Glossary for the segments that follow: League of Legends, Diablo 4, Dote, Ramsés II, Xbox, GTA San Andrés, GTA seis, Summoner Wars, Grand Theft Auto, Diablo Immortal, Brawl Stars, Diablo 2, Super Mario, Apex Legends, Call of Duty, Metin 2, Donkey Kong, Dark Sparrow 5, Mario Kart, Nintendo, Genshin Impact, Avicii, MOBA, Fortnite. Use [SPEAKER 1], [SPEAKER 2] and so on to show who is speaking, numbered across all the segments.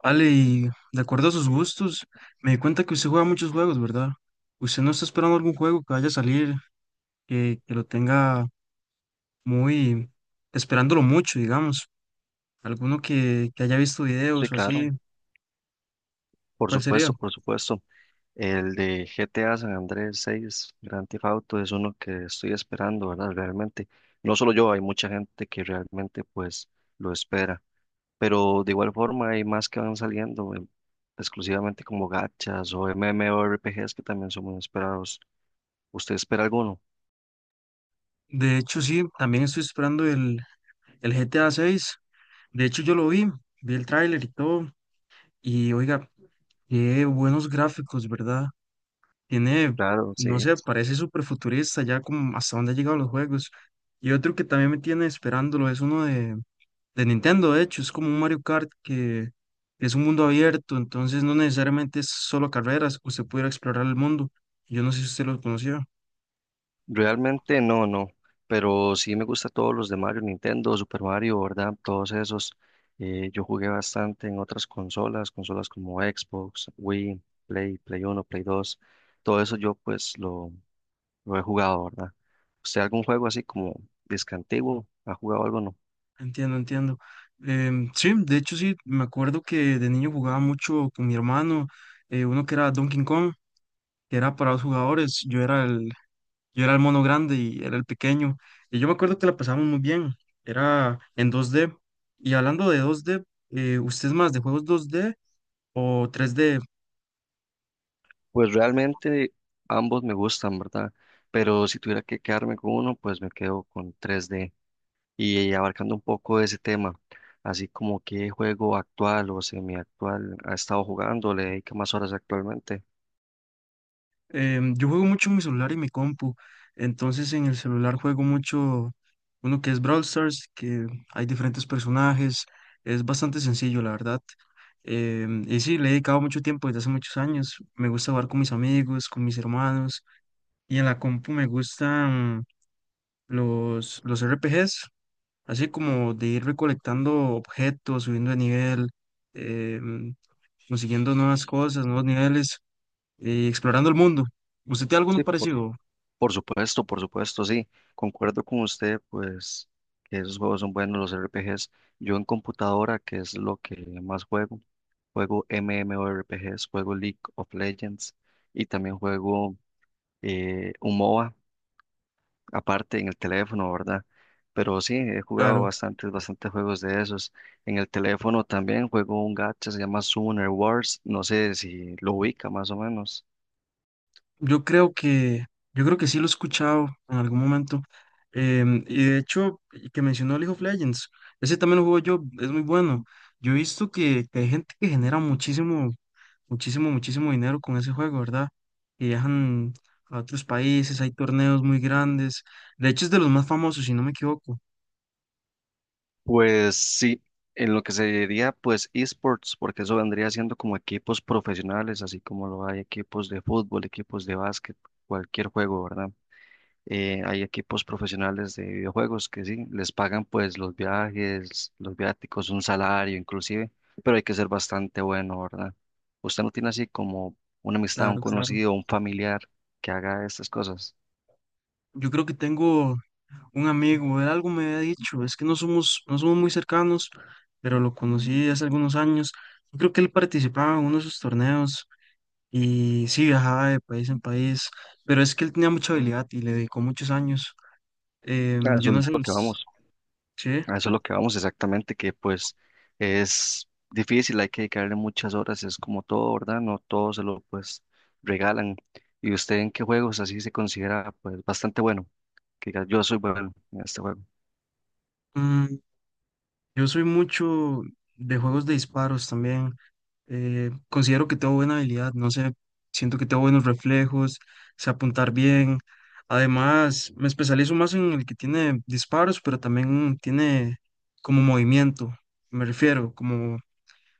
[SPEAKER 1] Ale, y de acuerdo a sus gustos, me di cuenta que usted juega muchos juegos, ¿verdad? ¿Usted no está esperando algún juego que vaya a salir, que lo tenga muy, esperándolo mucho, digamos? ¿Alguno que haya visto
[SPEAKER 2] Sí,
[SPEAKER 1] videos o
[SPEAKER 2] claro,
[SPEAKER 1] así?
[SPEAKER 2] por
[SPEAKER 1] ¿Cuál sería?
[SPEAKER 2] supuesto, por supuesto. El de GTA San Andrés 6, Grand Theft Auto, es uno que estoy esperando, ¿verdad? Realmente, no solo yo, hay mucha gente que realmente pues lo espera, pero de igual forma hay más que van saliendo, exclusivamente como gachas o MMORPGs que también son muy esperados. ¿Usted espera alguno?
[SPEAKER 1] De hecho, sí, también estoy esperando el GTA 6. De hecho, yo lo vi, vi el tráiler y todo, y oiga, qué buenos gráficos, ¿verdad? Tiene,
[SPEAKER 2] Claro,
[SPEAKER 1] no
[SPEAKER 2] sí.
[SPEAKER 1] sé, parece súper futurista ya como hasta dónde han llegado los juegos. Y otro que también me tiene esperándolo es uno de Nintendo, de hecho, es como un Mario Kart que es un mundo abierto, entonces no necesariamente es solo carreras, usted pudiera explorar el mundo. Yo no sé si usted lo conocía.
[SPEAKER 2] Realmente no, no, pero sí me gusta todos los de Mario, Nintendo, Super Mario, ¿verdad? Todos esos. Yo jugué bastante en otras consolas como Xbox, Wii, Play, Play 1, Play 2. Todo eso yo pues lo he jugado, ¿verdad? ¿Usted algún juego así como disque antiguo? ¿Ha jugado algo o no?
[SPEAKER 1] Entiendo, entiendo. Sí, de hecho sí, me acuerdo que de niño jugaba mucho con mi hermano, uno que era Donkey Kong, que era para 2 jugadores, Yo era el mono grande y era el pequeño. Y yo me acuerdo que la pasamos muy bien. Era en 2D. Y hablando de 2D, ¿usted es más de juegos 2D o 3D?
[SPEAKER 2] Pues realmente ambos me gustan, ¿verdad? Pero si tuviera que quedarme con uno, pues me quedo con 3D. Y abarcando un poco ese tema, así como qué juego actual o semiactual ha estado jugando, le dedica más horas actualmente.
[SPEAKER 1] Yo juego mucho en mi celular y mi compu. Entonces en el celular juego mucho uno que es Brawl Stars, que hay diferentes personajes. Es bastante sencillo, la verdad. Y sí, le he dedicado mucho tiempo desde hace muchos años. Me gusta jugar con mis amigos, con mis hermanos. Y en la compu me gustan los RPGs, así como de ir recolectando objetos, subiendo de nivel, em, consiguiendo nuevas cosas, nuevos niveles y explorando el mundo. ¿Usted tiene alguno
[SPEAKER 2] Sí,
[SPEAKER 1] parecido?
[SPEAKER 2] por supuesto, sí, concuerdo con usted, pues que esos juegos son buenos, los RPGs. Yo en computadora, que es lo que más juego, juego MMORPGs, juego League of Legends y también juego un MOBA aparte en el teléfono, ¿verdad? Pero sí, he jugado
[SPEAKER 1] Claro,
[SPEAKER 2] bastantes, bastantes juegos de esos. En el teléfono también juego un gacha, se llama Summoner Wars, no sé si lo ubica más o menos.
[SPEAKER 1] yo creo que, yo creo que sí lo he escuchado en algún momento. Y de hecho, y que mencionó League of Legends, ese también lo juego yo, es muy bueno. Yo he visto que hay gente que genera muchísimo muchísimo, muchísimo dinero con ese juego, ¿verdad? Y viajan a otros países, hay torneos muy grandes. De hecho, es de los más famosos, si no me equivoco.
[SPEAKER 2] Pues sí, en lo que se diría pues esports, porque eso vendría siendo como equipos profesionales, así como lo hay equipos de fútbol, equipos de básquet, cualquier juego, ¿verdad? Hay equipos profesionales de videojuegos que sí, les pagan pues los viajes, los viáticos, un salario inclusive, pero hay que ser bastante bueno, ¿verdad? ¿Usted no tiene así como una amistad, un
[SPEAKER 1] Claro, claro.
[SPEAKER 2] conocido, un familiar que haga estas cosas?
[SPEAKER 1] Yo creo que tengo un amigo, él algo me había dicho, es que no somos muy cercanos, pero lo conocí hace algunos años. Yo creo que él participaba en uno de sus torneos y sí viajaba de país en país, pero es que él tenía mucha habilidad y le dedicó muchos años.
[SPEAKER 2] A eso
[SPEAKER 1] Yo no
[SPEAKER 2] es
[SPEAKER 1] sé,
[SPEAKER 2] lo que vamos,
[SPEAKER 1] sí.
[SPEAKER 2] a eso es lo que vamos exactamente, que pues es difícil, hay que dedicarle muchas horas, es como todo, ¿verdad? No todo se lo pues regalan. ¿Y usted en qué juegos así se considera pues bastante bueno? Que diga, yo soy bueno en este juego.
[SPEAKER 1] Mm, yo soy mucho de juegos de disparos también. Considero que tengo buena habilidad, no sé, siento que tengo buenos reflejos, sé apuntar bien. Además, me especializo más en el que tiene disparos, pero también tiene como movimiento, me refiero,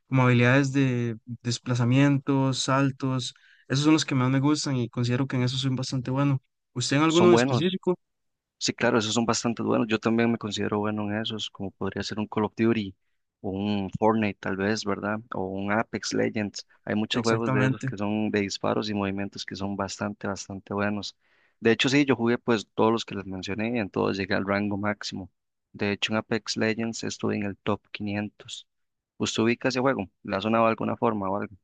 [SPEAKER 1] como habilidades de desplazamientos, saltos. Esos son los que más me gustan y considero que en eso soy bastante bueno. ¿Usted en alguno
[SPEAKER 2] Son
[SPEAKER 1] en
[SPEAKER 2] buenos.
[SPEAKER 1] específico?
[SPEAKER 2] Sí, claro, esos son bastante buenos. Yo también me considero bueno en esos, como podría ser un Call of Duty o un Fortnite tal vez, ¿verdad? O un Apex Legends. Hay muchos juegos de esos
[SPEAKER 1] Exactamente.
[SPEAKER 2] que son de disparos y movimientos que son bastante, bastante buenos. De hecho, sí, yo jugué pues todos los que les mencioné y en todos llegué al rango máximo. De hecho, en Apex Legends estuve en el top 500. ¿Usted ubica ese juego? ¿Le ha sonado de alguna forma o algo?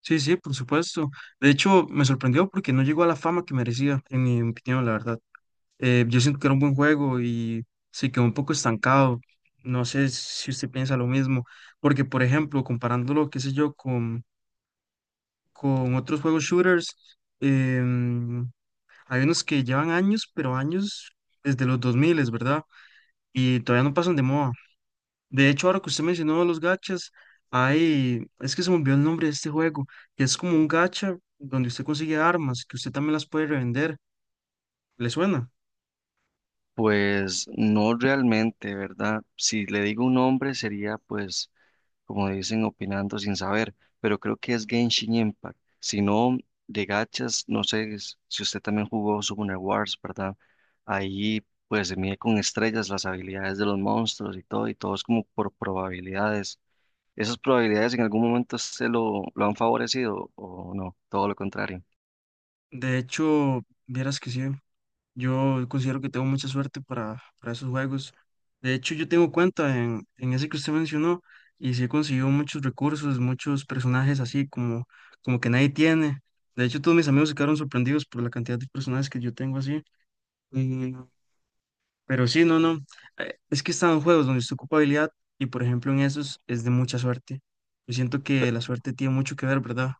[SPEAKER 1] Sí, sí, por supuesto. De hecho, me sorprendió porque no llegó a la fama que merecía, en mi opinión, la verdad. Yo siento que era un buen juego y se quedó un poco estancado. No sé si usted piensa lo mismo, porque, por ejemplo, comparándolo, qué sé yo, con otros juegos shooters, em, hay unos que llevan años, pero años desde los 2000, ¿verdad? Y todavía no pasan de moda. De hecho, ahora que usted mencionó los gachas, es que se me olvidó el nombre de este juego, que es como un gacha donde usted consigue armas, que usted también las puede revender. ¿Le suena?
[SPEAKER 2] Pues no realmente, ¿verdad? Si le digo un nombre sería pues como dicen, opinando sin saber, pero creo que es Genshin Impact. Si no, de gachas, no sé si usted también jugó Summoner Wars, ¿verdad? Ahí pues se mide con estrellas las habilidades de los monstruos y todo es como por probabilidades. ¿Esas probabilidades en algún momento se lo han favorecido o no? Todo lo contrario.
[SPEAKER 1] De hecho, vieras que sí, yo considero que tengo mucha suerte para esos juegos. De hecho, yo tengo cuenta en ese que usted mencionó y sí he conseguido muchos recursos, muchos personajes así como que nadie tiene. De hecho, todos mis amigos se quedaron sorprendidos por la cantidad de personajes que yo tengo así. Mm, pero sí, no, no. Es que están juegos donde está ocupa habilidad y, por ejemplo, en esos es de mucha suerte. Yo siento que la suerte tiene mucho que ver, ¿verdad?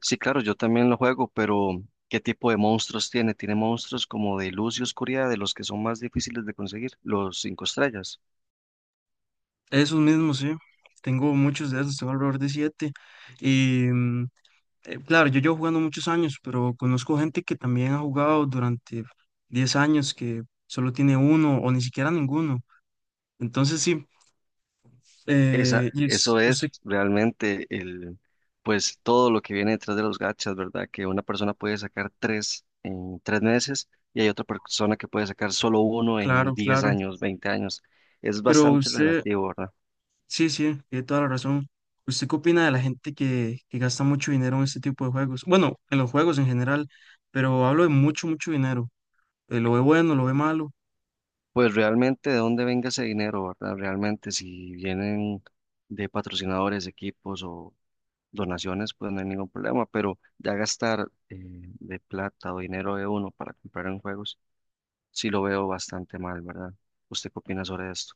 [SPEAKER 2] Sí, claro, yo también lo juego, pero ¿qué tipo de monstruos tiene? Tiene monstruos como de luz y oscuridad, de los que son más difíciles de conseguir, los cinco estrellas.
[SPEAKER 1] Esos mismos, sí. Tengo muchos de esos, tengo alrededor de 7. Y mm, claro, yo llevo jugando muchos años, pero conozco gente que también ha jugado durante 10 años, que solo tiene uno o ni siquiera ninguno. Entonces, sí.
[SPEAKER 2] Eso es
[SPEAKER 1] Usted,
[SPEAKER 2] realmente pues todo lo que viene detrás de los gachas, ¿verdad? Que una persona puede sacar tres en tres meses y hay otra persona que puede sacar solo uno en
[SPEAKER 1] claro,
[SPEAKER 2] 10
[SPEAKER 1] claro.
[SPEAKER 2] años, 20 años. Es
[SPEAKER 1] Pero
[SPEAKER 2] bastante
[SPEAKER 1] usted,
[SPEAKER 2] relativo, ¿verdad?
[SPEAKER 1] sí, sí, tiene toda la razón. ¿Usted qué opina de la gente que gasta mucho dinero en este tipo de juegos? Bueno, en los juegos en general, pero hablo de mucho, mucho dinero. ¿Lo ve bueno, lo ve malo?
[SPEAKER 2] Pues realmente de dónde venga ese dinero, ¿verdad? Realmente si vienen de patrocinadores, equipos o donaciones, pues no hay ningún problema, pero ya gastar de plata o dinero de uno para comprar en juegos. Sí lo veo bastante mal, ¿verdad? ¿Usted qué opina sobre esto?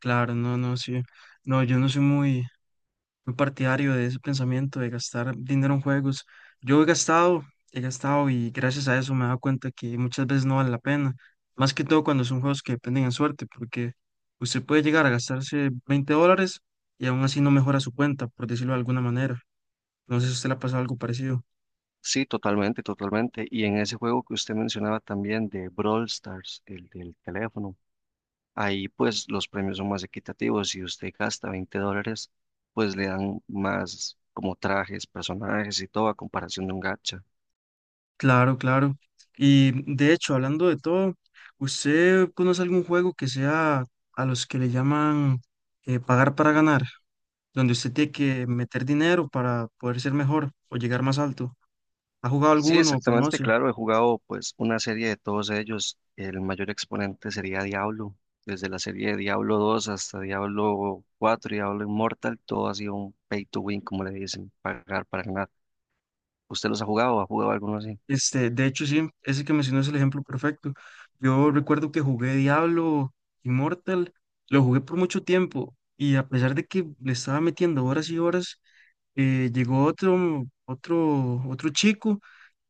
[SPEAKER 1] Claro, no, no, sí. No, yo no soy muy, muy partidario de ese pensamiento de gastar dinero en juegos. Yo he gastado, he gastado y gracias a eso me he dado cuenta que muchas veces no vale la pena. Más que todo cuando son juegos que dependen en suerte, porque usted puede llegar a gastarse 20 dólares y aún así no mejora su cuenta, por decirlo de alguna manera. No sé si a usted le ha pasado algo parecido.
[SPEAKER 2] Sí, totalmente, totalmente. Y en ese juego que usted mencionaba también de Brawl Stars, el del teléfono, ahí pues los premios son más equitativos. Si usted gasta $20, pues le dan más como trajes, personajes y todo a comparación de un gacha.
[SPEAKER 1] Claro, claro. Y de hecho, hablando de todo, ¿usted conoce algún juego que sea a los que le llaman pagar para ganar? Donde usted tiene que meter dinero para poder ser mejor o llegar más alto. ¿Ha jugado
[SPEAKER 2] Sí,
[SPEAKER 1] alguno o
[SPEAKER 2] exactamente,
[SPEAKER 1] conoce?
[SPEAKER 2] claro, he jugado pues una serie de todos ellos. El mayor exponente sería Diablo, desde la serie de Diablo 2 hasta Diablo 4 y Diablo Immortal, todo ha sido un pay to win, como le dicen, pagar para ganar. ¿Usted los ha jugado? ¿Ha jugado alguno así?
[SPEAKER 1] Este, de hecho, sí, ese que mencionó es el ejemplo perfecto. Yo recuerdo que jugué Diablo Immortal, lo jugué por mucho tiempo y a pesar de que le estaba metiendo horas y horas, llegó otro chico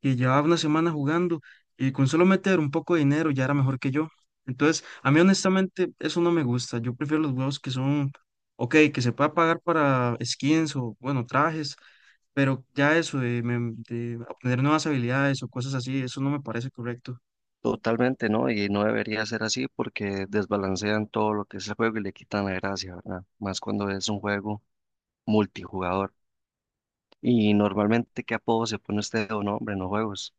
[SPEAKER 1] que llevaba una semana jugando y con solo meter un poco de dinero ya era mejor que yo. Entonces, a mí honestamente eso no me gusta. Yo prefiero los juegos que son, ok, que se pueda pagar para skins o, bueno, trajes, pero ya eso de obtener nuevas habilidades o cosas así, eso no me parece correcto.
[SPEAKER 2] Totalmente, ¿no? Y no debería ser así porque desbalancean todo lo que es el juego y le quitan la gracia, ¿verdad? Más cuando es un juego multijugador. Y normalmente, ¿qué apodo se pone usted o nombre en los juegos?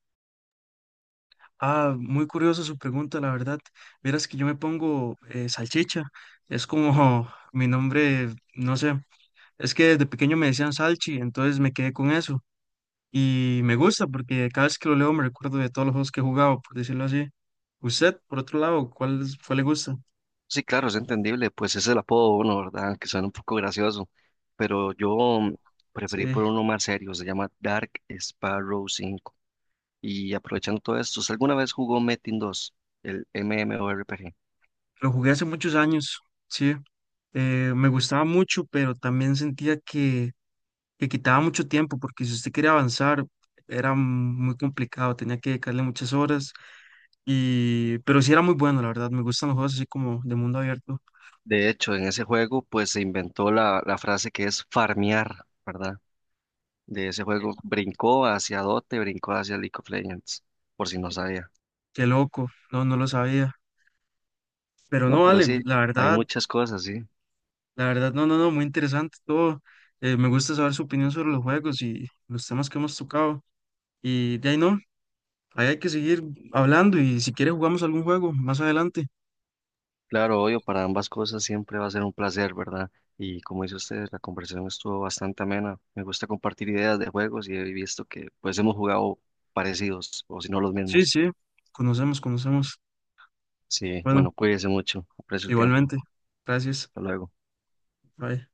[SPEAKER 1] Ah, muy curiosa su pregunta, la verdad. Verás que yo me pongo salchicha, es como mi nombre, no sé. Es que desde pequeño me decían Salchi, entonces me quedé con eso. Y me gusta porque cada vez que lo leo me recuerdo de todos los juegos que he jugado, por decirlo así. Usted, por otro lado, ¿cuál le gusta?
[SPEAKER 2] Sí, claro, es entendible, pues ese es el apodo de uno, ¿verdad? Que suena un poco gracioso, pero yo
[SPEAKER 1] Sí,
[SPEAKER 2] preferí por uno más serio, se llama Dark Sparrow 5. Y aprovechando todo esto, ¿usted alguna vez jugó Metin 2, el MMORPG?
[SPEAKER 1] lo jugué hace muchos años, sí. Me gustaba mucho, pero también sentía que quitaba mucho tiempo porque si usted quería avanzar era muy complicado, tenía que dedicarle muchas horas. Y, pero sí era muy bueno, la verdad. Me gustan los juegos así como de mundo abierto.
[SPEAKER 2] De hecho, en ese juego, pues se inventó la frase que es farmear, ¿verdad? De ese juego brincó hacia Dote, brincó hacia League of Legends, por si no sabía.
[SPEAKER 1] Qué loco, no, no lo sabía. Pero
[SPEAKER 2] No,
[SPEAKER 1] no,
[SPEAKER 2] pero
[SPEAKER 1] vale,
[SPEAKER 2] sí,
[SPEAKER 1] la
[SPEAKER 2] hay
[SPEAKER 1] verdad.
[SPEAKER 2] muchas cosas, sí.
[SPEAKER 1] La verdad, no, no, no, muy interesante todo. Me gusta saber su opinión sobre los juegos y los temas que hemos tocado. Y de ahí no, ahí hay que seguir hablando y si quiere jugamos algún juego más adelante.
[SPEAKER 2] Claro, obvio, para ambas cosas siempre va a ser un placer, ¿verdad? Y como dice usted, la conversación estuvo bastante amena. Me gusta compartir ideas de juegos y he visto que pues hemos jugado parecidos o si no los
[SPEAKER 1] Sí,
[SPEAKER 2] mismos.
[SPEAKER 1] sí, conocemos, conocemos.
[SPEAKER 2] Sí,
[SPEAKER 1] Bueno,
[SPEAKER 2] bueno, cuídese mucho, aprecio el tiempo.
[SPEAKER 1] igualmente. Gracias.
[SPEAKER 2] Hasta luego.
[SPEAKER 1] Bye.